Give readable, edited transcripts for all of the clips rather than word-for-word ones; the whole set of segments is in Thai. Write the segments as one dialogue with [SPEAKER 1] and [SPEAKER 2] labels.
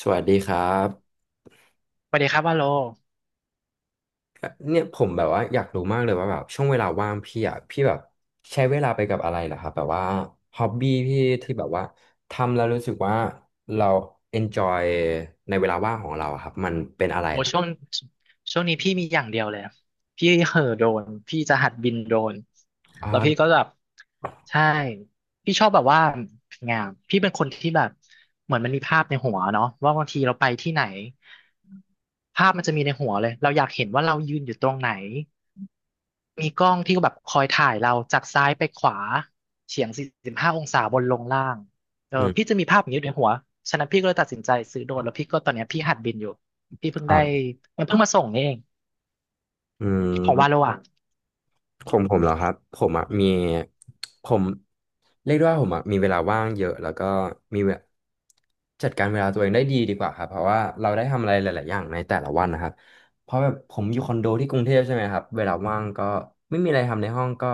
[SPEAKER 1] สวัสดีครับ
[SPEAKER 2] สวัสดีครับว่าโล
[SPEAKER 1] เนี่ยผมแบบว่าอยากรู้มากเลยว่าแบบช่วงเวลาว่างพี่อ่ะพี่แบบใช้เวลาไปกับอะไรเหรอครับแบบว่าฮ็อบบี้พี่ที่แบบว่าทำแล้วรู้สึกว่าเรา enjoy ในเวลาว่างของเราอะครับมันเป็นอะไร
[SPEAKER 2] โอ้
[SPEAKER 1] ล่ะ
[SPEAKER 2] ช่วงนี้พี่มีอย่างเดียวเลยพี่เห่อโดรนพี่จะหัดบินโดรน
[SPEAKER 1] ครั
[SPEAKER 2] แล้วพี่ก็
[SPEAKER 1] บ
[SPEAKER 2] แบบใช่พี่ชอบแบบว่างามพี่เป็นคนที่แบบเหมือนมันมีภาพในหัวเนาะว่าบางทีเราไปที่ไหนภาพมันจะมีในหัวเลยเราอยากเห็นว่าเรายืนอยู่ตรงไหน มีกล้องที่แบบคอยถ่ายเราจากซ้ายไปขวาเฉียง45 องศาบนลงล่างเออ
[SPEAKER 1] อื
[SPEAKER 2] พี่
[SPEAKER 1] ม
[SPEAKER 2] จะมีภาพอย่างนี้อยู่ในหัวฉะนั้นพี่ก็เลยตัดสินใจซื้อโดรนแล้วพี่ก็ตอนเนี้ยพี่หัดบินอยู่พี่เพิ่ง
[SPEAKER 1] ค
[SPEAKER 2] ได้
[SPEAKER 1] รับ
[SPEAKER 2] มันเพิ่งมาส่งนี่เอง
[SPEAKER 1] อื
[SPEAKER 2] ของวาโล
[SPEAKER 1] ม
[SPEAKER 2] อ่ะ
[SPEAKER 1] ของผมเหรอครับผมอ่ะมีผมเรียกได้ว่าผมอ่ะมีเวลาว่างเยอะแล้วก็มีเวจัดการเวลาตัวเองได้ดีกว่าครับเพราะว่าเราได้ทำอะไรหลายๆอย่างในแต่ละวันนะครับเพราะแบบผมอยู่คอนโดที่กรุงเทพใช่ไหมครับเวลาว่างก็ไม่มีอะไรทำในห้องก็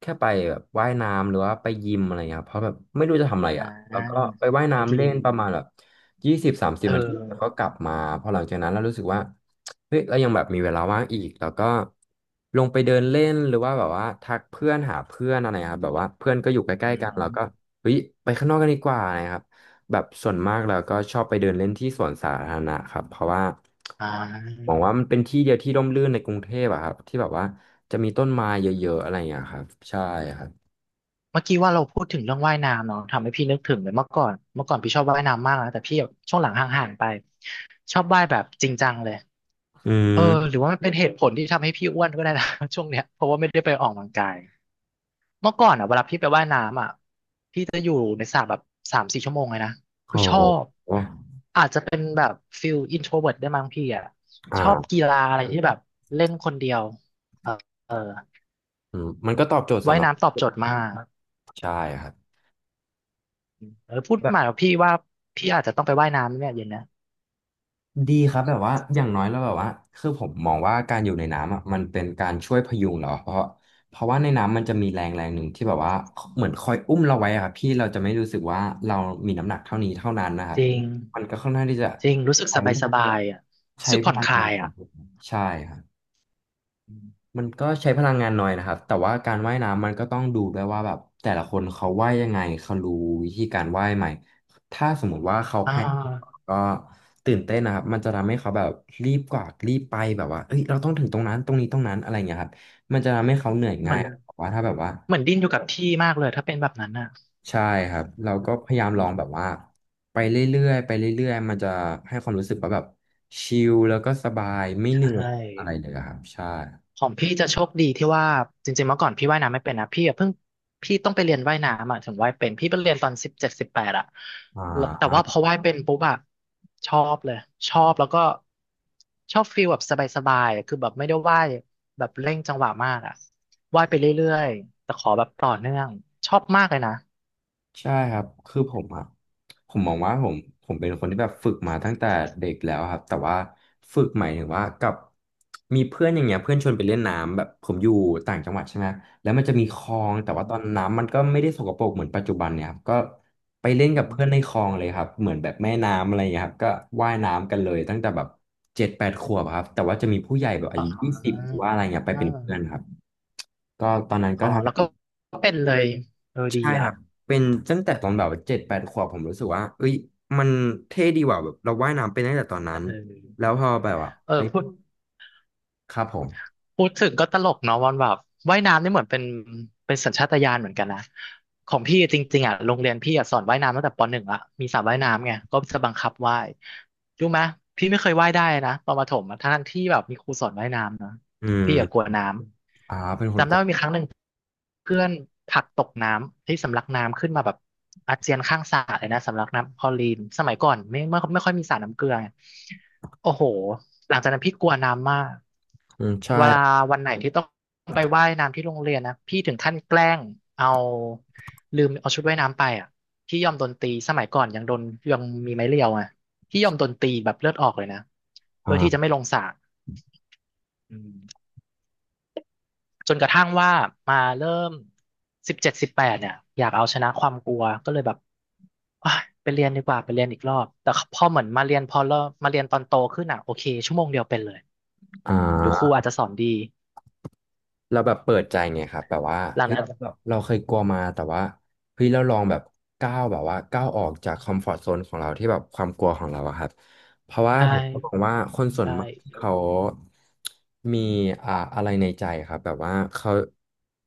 [SPEAKER 1] แค่ไปแบบว่ายน้ำหรือว่าไปยิมอะไรเงี้ยครับเพราะแบบไม่รู้จะทำอะไร
[SPEAKER 2] อ่
[SPEAKER 1] อ่ะแล้วก็
[SPEAKER 2] า
[SPEAKER 1] ไปว่าย
[SPEAKER 2] เป็น
[SPEAKER 1] น้ำ
[SPEAKER 2] ที
[SPEAKER 1] เล่นประมาณแบบ ยี่สิบสามสิบ
[SPEAKER 2] เออ
[SPEAKER 1] นาทีแล้วก็กลับมาพอหลังจากนั้นเรารู้สึกว่าเฮ้ยเรายังแบบมีเวลาว่างอีกแล้วก็ลงไปเดินเล่นหรือว่าแบบว่าทักเพื่อนหาเพื่อนอะไรครับแบบว่าเพื่อนก็อยู่ใก
[SPEAKER 2] อื
[SPEAKER 1] ล้ๆกันเราก็
[SPEAKER 2] ม
[SPEAKER 1] เฮ้ยไปข้างนอกกันดีกว่านะครับแบบส่วนมากเราก็ชอบไปเดินเล่นที่สวนสาธารณะครับเพราะว่า
[SPEAKER 2] อ่
[SPEAKER 1] หวัง
[SPEAKER 2] า
[SPEAKER 1] ว่ามันเป็นที่เดียวที่ร่มรื่นในกรุงเทพอะครับที่แบบว่าจะมีต้นไม้เยอะๆอะไรอย่างเงี้ยครับใช่ครับ
[SPEAKER 2] เมื่อกี้ว่าเราพูดถึงเรื่องว่ายน้ำเนาะทำให้พี่นึกถึงเลยเมื่อก่อนพี่ชอบว่ายน้ำมากนะแต่พี่แบบช่วงหลังห่างๆไปชอบว่ายแบบจริงจังเลย
[SPEAKER 1] อื
[SPEAKER 2] เออ
[SPEAKER 1] ม
[SPEAKER 2] หรือว่าเป็นเหตุผลที่ทำให้พี่อ้วนก็ได้นะ ช่วงเนี้ยเพราะว่าไม่ได้ไปออกกำลังกายเมื่อก่อนอ่ะเวลาพี่ไปว่ายน้ำอ่ะพี่จะอยู่ในสระแบบ3-4 ชั่วโมงเลยนะ
[SPEAKER 1] โ
[SPEAKER 2] คือชอบ
[SPEAKER 1] อ้
[SPEAKER 2] อาจจะเป็นแบบฟิลอินโทรเวิร์ตได้มั้งพี่อ่ะชอบ
[SPEAKER 1] อ่า
[SPEAKER 2] กีฬาอะไรที่แบบเล่นคนเดียวเออเออ
[SPEAKER 1] อืมมันก็ตอบโจทย์สำ
[SPEAKER 2] ว่าย
[SPEAKER 1] หรับ
[SPEAKER 2] น้ำตอบโจทย์มาก
[SPEAKER 1] ใช่ครับ
[SPEAKER 2] เออพูด
[SPEAKER 1] แบ
[SPEAKER 2] มาแล้วพี่ว่าพี่อาจจะต้องไปว่ายน้ำเนี่ยเย็นเนะ
[SPEAKER 1] ดีครับแบบว่าอย่างน้อยแล้วแบบว่าคือผมมองว่าการอยู่ในน้ำอ่ะมันเป็นการช่วยพยุงเราเพราะว่าในน้ำมันจะมีแรงแรงหนึ่งที่แบบว่าเหมือนคอยอุ้มเราไว้อะครับพี่เราจะไม่รู้สึกว่าเรามีน้ำหนักเท่านี้เท่านั้นนะครั
[SPEAKER 2] จ
[SPEAKER 1] บ
[SPEAKER 2] ริง
[SPEAKER 1] มันก็ค่อนข้างที่จะ
[SPEAKER 2] จริงรู้สึก
[SPEAKER 1] ใช้
[SPEAKER 2] สบายสบายอ่ะรู้
[SPEAKER 1] ใช้
[SPEAKER 2] สึก
[SPEAKER 1] พ
[SPEAKER 2] ผ่อน
[SPEAKER 1] ลั
[SPEAKER 2] ค
[SPEAKER 1] งงา
[SPEAKER 2] ลา
[SPEAKER 1] น
[SPEAKER 2] ย
[SPEAKER 1] ของ
[SPEAKER 2] อ่ะ
[SPEAKER 1] ผมใช่ครับ มันก็ใช้พลังงานน้อยนะครับแต่ว่าการว่ายน้ำมันก็ต้องดูด้วยว่าแบบแต่ละคนเขาว่ายยังไงเขารู้วิธีการว่ายไหมถ้าสมมุติว่าเขา
[SPEAKER 2] อ่
[SPEAKER 1] แพ้
[SPEAKER 2] า
[SPEAKER 1] ก็ตื่นเต้นนะครับมันจะทำให้เขาแบบรีบกว่ารีบไปแบบว่าเอ้ยเราต้องถึงตรงนั้นตรงนี้ตรงนั้นอะไรอย่างเงี้ยครับมันจะทำให้เขาเหนื่อย
[SPEAKER 2] เหมื
[SPEAKER 1] ง่า
[SPEAKER 2] อ
[SPEAKER 1] ย
[SPEAKER 2] น
[SPEAKER 1] แต่ว่าถ้าแบบว่า
[SPEAKER 2] เหมือนดิ้นอยู่กับที่มากเลยถ้าเป็นแบบนั้นอ่ะ
[SPEAKER 1] ใช่ครับเราก็พยายาม
[SPEAKER 2] อื
[SPEAKER 1] ลอ
[SPEAKER 2] ม
[SPEAKER 1] งแบบว่าไปเรื่อยๆไปเรื่อยๆมันจะให้ความรู้สึกว่าแบบชิลแล้วก็สบายไม่
[SPEAKER 2] ใช
[SPEAKER 1] เหนื่อยอะไร
[SPEAKER 2] ่
[SPEAKER 1] เลยอะครับใช่
[SPEAKER 2] ของพี่จะโชคดีที่ว่าจริงๆเมื่อก่อนพี่ว่ายน้ำไม่เป็นนะพี่ต้องไปเรียนว่ายน้ำอ่ะถึงว่ายเป็นพี่ไปเรียนตอนสิบเจ็ดสิบแปดอ่ะ
[SPEAKER 1] อ่
[SPEAKER 2] แล้วแต่ว่าพอ
[SPEAKER 1] า
[SPEAKER 2] ว่ายเป็นปุ๊บอะชอบเลยชอบแล้วก็ชอบฟีลแบบสบายๆอะคือแบบไม่ได้ว่ายแบบเร่งจังหวะมากอ่ะว่ายไปเรื่อยๆแต่ขอแบบต่อเนื่องชอบมากเลยนะ
[SPEAKER 1] ใช่ครับคือผมมองว่าผมเป็นคนที่แบบฝึกมาตั้งแต่เด็กแล้วครับแต่ว่าฝึกหมายถึงว่ากับมีเพื่อนอย่างเงี้ยเพื่อนชวนไปเล่นน้ำแบบผมอยู่ต่างจังหวัดใช่ไหมแล้วมันจะมีคลองแต่
[SPEAKER 2] อื
[SPEAKER 1] ว่าตอน
[SPEAKER 2] ม
[SPEAKER 1] น้ำมันก็ไม่ได้สกปรกเหมือนปัจจุบันเนี่ยครับก็ไปเล่นกับ
[SPEAKER 2] อืม
[SPEAKER 1] เพื่อนในคลองเลยครับเหมือนแบบแม่น้ำอะไรอย่างเงี้ยครับก็ว่ายน้ำกันเลยตั้งแต่แบบเจ็ดแปดขวบอะครับแต่ว่าจะมีผู้ใหญ่แบบอา
[SPEAKER 2] อ๋
[SPEAKER 1] ยุยี่สิบห
[SPEAKER 2] อ
[SPEAKER 1] รือว่าอะไรเงี้ยไปเป็นเพื่อนครับก็ตอนนั้นก็
[SPEAKER 2] อ๋อแล้วก็
[SPEAKER 1] ทำ
[SPEAKER 2] เป็นเลยเออดี
[SPEAKER 1] ใช่ค
[SPEAKER 2] อ่ะ
[SPEAKER 1] รับเป็นตั้งแต่ตอนแบบเจ็ดแปดขวบผมรู้สึกว่าเอ้ยมันเท่ดีว่ะแบบเราว่ายน้ำเป็นตั้งแต่ตอนนั้น
[SPEAKER 2] เอ
[SPEAKER 1] แล้
[SPEAKER 2] อ
[SPEAKER 1] วพอแบบว่า
[SPEAKER 2] เออ
[SPEAKER 1] ไป
[SPEAKER 2] พูด
[SPEAKER 1] ครับผม
[SPEAKER 2] พูดถึงก็ตลกเนาะวันแบบว่ายน้ำนี่เหมือนเป็นสัญชาตญาณเหมือนกันนะของพี่จริงๆอ่ะโรงเรียนพี่อ่ะสอนว่ายน้ำตั้งแต่ปหนึ่งละมีสระว่ายน้ำไงก็จะบังคับว่ายรู้ไหมพี่ไม่เคยว่ายได้นะตอนประถมอะทั้งๆที่แบบมีครูสอนว่ายน้ำนะ
[SPEAKER 1] อืม
[SPEAKER 2] พี่อ่ะกลัวน้ำ
[SPEAKER 1] อ่าเป็นคน
[SPEAKER 2] จำ
[SPEAKER 1] ก
[SPEAKER 2] ได้
[SPEAKER 1] ลัว
[SPEAKER 2] ว่ามีครั้งหนึ่งเพื่อนผลักตกน้ำที่สำลักน้ำขึ้นมาแบบอาเจียนข้างสระเลยนะสำลักน้ำคลอรีนสมัยก่อนไม่ค่อยมีสระน้ำเกลือไงโอ้โหหลังจากนั้นพี่กลัวน้ำมาก
[SPEAKER 1] อืมใช่
[SPEAKER 2] เวลาวันไหนที่ต้องไปว่ายน้ำที่โรงเรียนนะพี่ถึงขั้นแกล้งเอาลืมเอาชุดว่ายน้ำไปอ่ะพี่ยอมโดนตีสมัยก่อนยังโดนยังมีไม้เรียวอ่ะพี่ยอมโดนตีแบบเลือดออกเลยนะเพื่อที่จะไม่
[SPEAKER 1] อ่า
[SPEAKER 2] ลงสระอืม จนกระทั่งว่ามาเริ่มสิบเจ็ดสิบแปดเนี่ยอยากเอาชนะความกลัวก็เลยแบบอ่ะไปเรียนดีกว่าไปเรียนอีกรอบแต่พอเหมือนมาเรียนพอเริ่มมาเรียนตอนโตขึ้นอ่ะโอเคชั่วโมงเดียวเป็นเลย
[SPEAKER 1] อ่
[SPEAKER 2] หรือครู
[SPEAKER 1] า
[SPEAKER 2] อาจจะสอนดี
[SPEAKER 1] เราแบบเปิดใจไงครับแบบว่า
[SPEAKER 2] หลัง
[SPEAKER 1] เฮ้ย
[SPEAKER 2] นั้น
[SPEAKER 1] เราเคยกลัวมาแต่ว่าเฮ้ยเราลองแบบก้าวแบบว่าก้าวออกจากคอมฟอร์ z โซนของเราที่แบบความกลัวของเราอะครับ เพราะว่า
[SPEAKER 2] ใช่
[SPEAKER 1] ผมก็มองว่าคนส่วน
[SPEAKER 2] ใช่
[SPEAKER 1] มากที่เขามีอ่าอะไรในใจครับแบบว่าเขา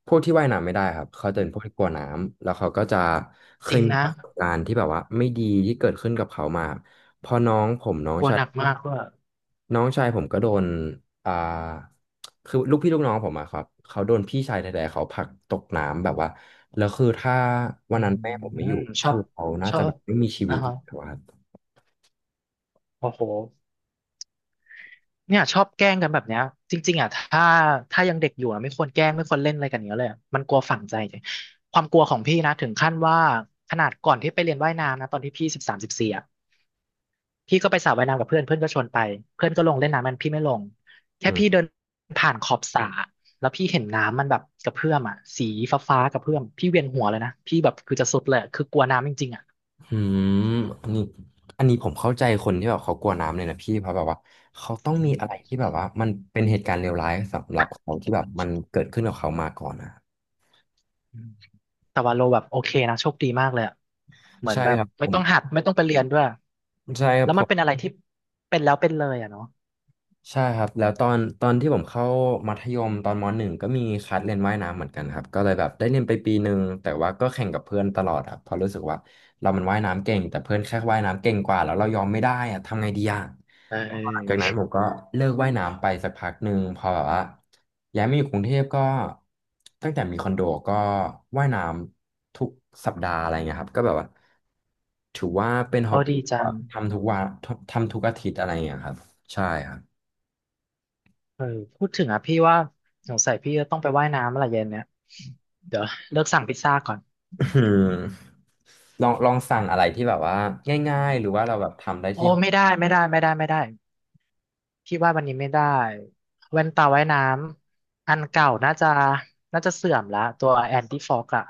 [SPEAKER 1] พวกที่ว่ายน้ำไม่ได้ครับเขาจะเป็นพวกที่กลัวน้ำแล้วเขาก็จะเค
[SPEAKER 2] จริ
[SPEAKER 1] ย
[SPEAKER 2] ง
[SPEAKER 1] มี
[SPEAKER 2] นะ
[SPEAKER 1] ประสบการณ์ที่แบบว่าไม่ดีที่เกิดขึ้นกับเขามาพอน้องผมน้อง
[SPEAKER 2] กลัว
[SPEAKER 1] ชา
[SPEAKER 2] ห
[SPEAKER 1] ย
[SPEAKER 2] นักมากว่า
[SPEAKER 1] น้องชายผมก็โดนอ่าคือลูกพี่ลูกน้องผมอะครับเขาโดนพี่ชายแท้ๆเขาผลักตกน้ำแบบว่าแล้วคือถ้าวั
[SPEAKER 2] อื
[SPEAKER 1] นนั้น
[SPEAKER 2] ม
[SPEAKER 1] แม่ผมไม่อยู่
[SPEAKER 2] ชอ
[SPEAKER 1] คื
[SPEAKER 2] บ
[SPEAKER 1] อเขาน่า
[SPEAKER 2] ชอ
[SPEAKER 1] จะแบ
[SPEAKER 2] บ
[SPEAKER 1] บไม่มีชีวิ
[SPEAKER 2] อ่า
[SPEAKER 1] ตอยู่
[SPEAKER 2] ฮะ
[SPEAKER 1] แล้วอะครับ
[SPEAKER 2] โอ้โห เนี่ยชอบแกล้งกันแบบเนี้ยจริงๆอ่ะถ้ายังเด็กอยู่อ่ะไม่ควรแกล้งไม่ควรเล่นอะไรกันอย่างเงี้ยเลยอะมันกลัวฝังใจจริงความกลัวของพี่นะถึงขั้นว่าขนาดก่อนที่ไปเรียนว่ายน้ำนะตอนที่พี่13-14อ่ะพี่ก็ไปสระว่ายน้ำกับเพื่อนเพื่อนก็ชวนไปเพื่อนก็ลงเล่นน้ำมันพี่ไม่ลงแค่พี่เดินผ่านขอบสระแล้วพี่เห็นน้ำมันแบบกระเพื่อมอ่ะสีฟ้าๆกระเพื่อมพี่เวียนหัวเลยนะพี่แบบคือจะสุดเลยคือกลัวน้ำจริงๆอ่ะ
[SPEAKER 1] อืมอันนี้อันนี้ผมเข้าใจคนที่แบบเขากลัวน้ำเลยนะพี่เพราะแบบว่าเขาต้อง
[SPEAKER 2] อื
[SPEAKER 1] มี
[SPEAKER 2] ม
[SPEAKER 1] อะไรที่แบบว่ามันเป็นเหตุการณ์เลวร้ายสำหรับเขาที่แบบมันเกิดขึ้นกับเขามาก่อนนะ
[SPEAKER 2] อืมแต่ว่าโลแบบโอเคนะโชคดีมากเลยอะเหมือน
[SPEAKER 1] ใช่
[SPEAKER 2] แบบ
[SPEAKER 1] ครับ
[SPEAKER 2] ไม่
[SPEAKER 1] ผม
[SPEAKER 2] ต้องหัดไม่ต้องไปเรียนด้วย
[SPEAKER 1] ใช่ครับ
[SPEAKER 2] แล้ว
[SPEAKER 1] ผ
[SPEAKER 2] มันเป็น
[SPEAKER 1] ม
[SPEAKER 2] อะไรที่เป็นแล้วเป็นเลยอ่ะเนาะ
[SPEAKER 1] ใช่ครับแล้วตอนที่ผมเข้ามัธยมตอนมหนึ่งก็มีคัดเรียนว่ายน้ำเหมือนกันครับก็เลยแบบได้เรียนไปปีหนึ่งแต่ว่าก็แข่งกับเพื่อนตลอดครับเพราะรู้สึกว่าเรามันว่ายน้ำเก่งแต่เพื่อนแค่ว่ายน้ำเก่งกว่าแล้วเรายอมไม่ได้อะทำไงดีอ่ะ
[SPEAKER 2] เออเอ
[SPEAKER 1] หลังจากนั้น
[SPEAKER 2] อ
[SPEAKER 1] ผมก็เลิกว่ายน้ำไปสักพักหนึ่งพอแบบว่าย้ายมาอยู่กรุงเทพก็ตั้งแต่มีคอนโดก็ว่ายน้ำทุกสัปดาห์อะไรเงี้ยครับก็แบบว่าถือว่าเป็นฮอ
[SPEAKER 2] โอ้
[SPEAKER 1] บบี้
[SPEAKER 2] ดีจัง
[SPEAKER 1] ทำทุกวันทำทุกอาทิตย์อะไรเงี้ยครับใช่ครับ
[SPEAKER 2] เออพูดถึงอ่ะพี่ว่าสงสัยพี่จะต้องไปว่ายน้ำอะไรเย็นเนี่ยเดี๋ยวเลิกสั่งพิซซ่าก่อน
[SPEAKER 1] อืมลองสั่งอะไรที่แบบว่าง่ายๆหรือว่าเราแบบทำได้
[SPEAKER 2] โอ้
[SPEAKER 1] ที่ห้อง
[SPEAKER 2] ไม่ได้ไม่ได้ไม่ได้ไม่ได้พี่ว่าวันนี้ไม่ได้แว่นตาว่ายน้ำอันเก่าน่าจะเสื่อมละตัวแอนตี้ฟอกอะ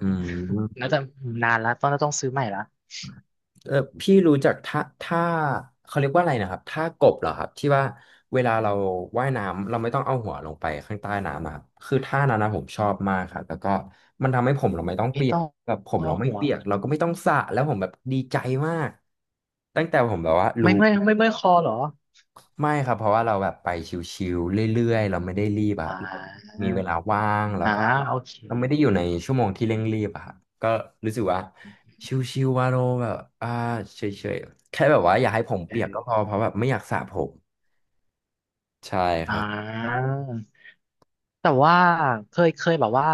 [SPEAKER 1] อืม
[SPEAKER 2] น่าจะนานละต้องซื้อใหม่ละ
[SPEAKER 1] เออพี่รู้จักท่าเขาเรียกว่าอะไรนะครับท่ากบเหรอครับที่ว่าเวลาเราว่ายน้ำเราไม่ต้องเอาหัวลงไปข้างใต้น้ำอะครับคือท่านั้นนะผมชอบมากครับแล้วก็มันทำให้ผมเราไม่ต้อง
[SPEAKER 2] ไม่
[SPEAKER 1] เปียก
[SPEAKER 2] ต้อง
[SPEAKER 1] แบบผม
[SPEAKER 2] อ้อ
[SPEAKER 1] เราไม่
[SPEAKER 2] หัว
[SPEAKER 1] เปียกเราก็ไม่ต้องสระแล้วผมแบบดีใจมากตั้งแต่ผมแบบว่ารู้
[SPEAKER 2] ไม่เมื่อยคอเหรอ
[SPEAKER 1] ไม่ครับเพราะว่าเราแบบไปชิวๆเรื่อยๆเราไม่ได้รีบแบ
[SPEAKER 2] อ่
[SPEAKER 1] บ
[SPEAKER 2] า
[SPEAKER 1] มีเวลาว่างแล้ว
[SPEAKER 2] อ่า
[SPEAKER 1] ก็
[SPEAKER 2] โอเค
[SPEAKER 1] เราไม่ได้อยู่ในชั่วโมงที่เร่งรีบอะครับก็รู้สึกว่าชิวๆว่าเราแบบเฉยๆแค่แบบว่าอย่าให้ผม
[SPEAKER 2] เอ
[SPEAKER 1] เปียกก็พอ
[SPEAKER 2] อ
[SPEAKER 1] เพราะแบบไม่อยากสระผมใช่ค
[SPEAKER 2] อ่า
[SPEAKER 1] รับ
[SPEAKER 2] แต่ว่าเคยแบบว่า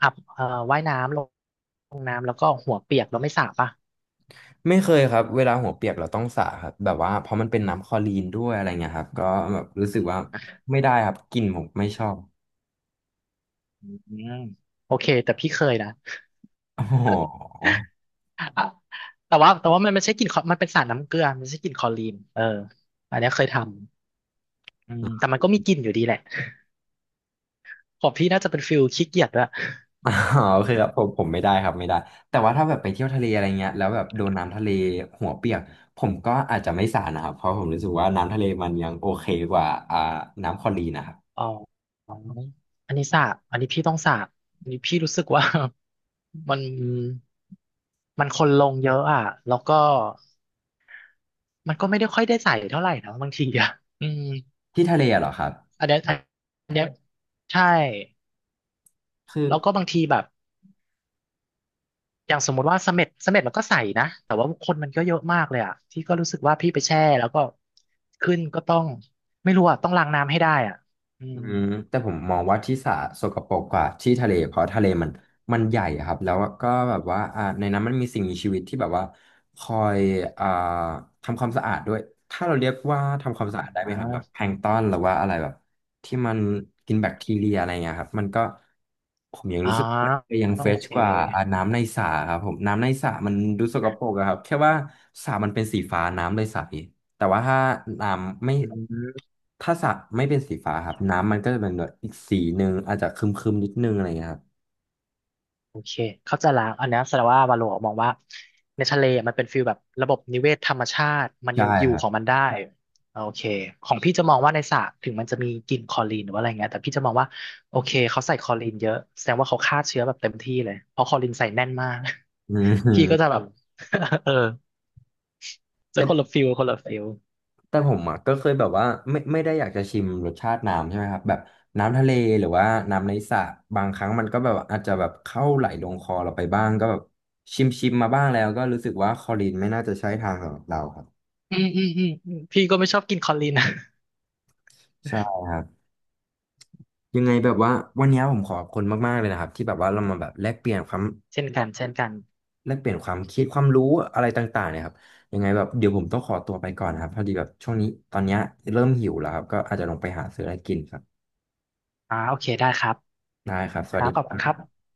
[SPEAKER 2] อาบว่ายน้ำลงน้ำแล้วก็หัวเปียกแล้วไม่สระป่ะ
[SPEAKER 1] ไม่เคยครับเวลาหัวเปียกเราต้องสระครับแบบว่าเพราะมันเป็นน้ำคลอรีนด้วยอะไรเงี้ยครับก็แบบรู้สึกว่าไม่ได้ครับกลิ่นผมไม่ชอบ
[SPEAKER 2] อืมโอเคแต่พี่เคยนะ
[SPEAKER 1] โอ้โห
[SPEAKER 2] อ่ะแต่ว่ามันไม่ใช่กลิ่นคอมันเป็นสารน้ำเกลือมันไม่ใช่กลิ่นคลอรีนเอออันเนี้ยเคยทำอืมแต่มันก็มีกลิ่นอยู่ดีแหละของพี่น่าจะเป็นฟิลขี้เกียจด้วย
[SPEAKER 1] อ๋อโอเคครับผมไม่ได้ครับไม่ได้แต่ว่าถ้าแบบไปเที่ยวทะเลอะไรเงี้ยแล้วแบบโดนน้ำทะเลหัวเปียกผมก็อาจจะไม่สานะครับเพราะผมรู้สึกว่าน้ำทะเลมันยังโอเคกว่าน้ำคลอรีนนะครับ
[SPEAKER 2] อ๋ออ๋ออันนี้สระอันนี้พี่ต้องสระอันนี้พี่รู้สึกว่า มันคนลงเยอะอ่ะแล้วก็มันก็ไม่ได้ค่อยได้ใส่เท่าไหร่นะบางทีอ่ะอืม
[SPEAKER 1] ที่ทะเลอะเหรอครับ
[SPEAKER 2] อันเนี้ยอันเนี้ยใช่
[SPEAKER 1] คือ
[SPEAKER 2] แล้วก็บางทีแบบอย่างสมมติว่าเสม็ดเสม็ดมันก็ใส่นะแต่ว่าคนมันก็เยอะมากเลยอ่ะที่ก็รู้สึกว่าพี่ไปแช่แล้วก็ขึ้นก็ต้องไม่รู้อ่ะต้องล้างน้ำให้ได้อ่ะอื
[SPEAKER 1] อื
[SPEAKER 2] ม
[SPEAKER 1] มแต่ผมมองว่าที่สระสกปรกกว่าที่ทะเลเพราะทะเลมันใหญ่อะครับแล้วก็แบบว่าในนั้นมันมีสิ่งมีชีวิตที่แบบว่าคอยอ่าทำความสะอาดด้วยถ้าเราเรียกว่าทำค
[SPEAKER 2] อ๋
[SPEAKER 1] วามสะอาด
[SPEAKER 2] อ
[SPEAKER 1] ได้ไหมครับแบบแพลงก์ตอนหรือว่าอะไรแบบที่มันกินแบคทีเรียอะไรเงี้ยครับมันก็ผมยัง
[SPEAKER 2] อ๋อ
[SPEAKER 1] รู้สึกว่ายัง
[SPEAKER 2] โอ
[SPEAKER 1] เฟรช
[SPEAKER 2] เค
[SPEAKER 1] กว่าอาน้ำในสระครับผมน้ำในสระมันดูสกปรกอะครับแค่ว่าสระมันเป็นสีฟ้าน้ำเลยใส แต่ว่าถ้าน้ำไม่
[SPEAKER 2] อืม
[SPEAKER 1] ถ้าสระไม่เป็นสีฟ้าครับน้ำมันก็จะเป็นแบบอีกสีหนึ่งอาจจะครึมๆนิดนึงอะไรเงี้ยครับ
[SPEAKER 2] โอเคเข้าใจละอันเนี้ยแสดงว่าวาโลมองว่าในทะเลมันเป็นฟิลแบบระบบนิเวศธรรมชาติมัน
[SPEAKER 1] ใช่
[SPEAKER 2] ยังอยู่
[SPEAKER 1] ครั
[SPEAKER 2] ของ
[SPEAKER 1] บ
[SPEAKER 2] มันได้โอเคของพี่จะมองว่าในสระถึงมันจะมีกลิ่นคลอรีนหรือว่าอะไรเงี้ยแต่พี่จะมองว่าโอเคเขาใส่คลอรีนเยอะแสดงว่าเขาฆ่าเชื้อแบบเต็มที่เลยเพราะคลอรีนใส่แน่นมาก
[SPEAKER 1] อื
[SPEAKER 2] พี่ก็
[SPEAKER 1] ม
[SPEAKER 2] จะแบบ เออจะ
[SPEAKER 1] แต่
[SPEAKER 2] คนละฟิลคนละฟิล
[SPEAKER 1] แต่ผมอ่ะก็เคยแบบว่าไม่ได้อยากจะชิมรสชาติน้ำใช่ไหมครับแบบน้ำทะเลหรือว่าน้ำในสระบางครั้งมันก็แบบอาจจะแบบเข้าไหลลงคอเราไปบ้างก็แบบชิมมาบ้างแล้วก็รู้สึกว่าคลอรินไม่น่าจะใช่ทางสำหรับเราครับ
[SPEAKER 2] อืมอืมอืมอืมพี่ก็ไม่ชอบกินคลอรีนนะ
[SPEAKER 1] ใช่ครับยังไงแบบว่าวันนี้ผมขอบคุณมากๆเลยนะครับที่แบบว่าเรามาแบบแลกเปลี่ยนความ
[SPEAKER 2] เช่นกันเช่นกัน
[SPEAKER 1] แลกเปลี่ยนความคิดความรู้อะไรต่างๆเนี่ยครับยังไงแบบเดี๋ยวผมต้องขอตัวไปก่อนนะครับพอดีแบบช่วงนี้ตอนเนี้ยเริ่มหิวแล้วครับก็อาจจะลงไปหาซื้ออะไรกินครับ
[SPEAKER 2] อ่าโอเคได้ครับ
[SPEAKER 1] ได้ครับส
[SPEAKER 2] ค
[SPEAKER 1] วั
[SPEAKER 2] รั
[SPEAKER 1] ส
[SPEAKER 2] บ
[SPEAKER 1] ดี
[SPEAKER 2] ขอบ
[SPEAKER 1] ค
[SPEAKER 2] คุ
[SPEAKER 1] รั
[SPEAKER 2] ณครั
[SPEAKER 1] บ
[SPEAKER 2] บ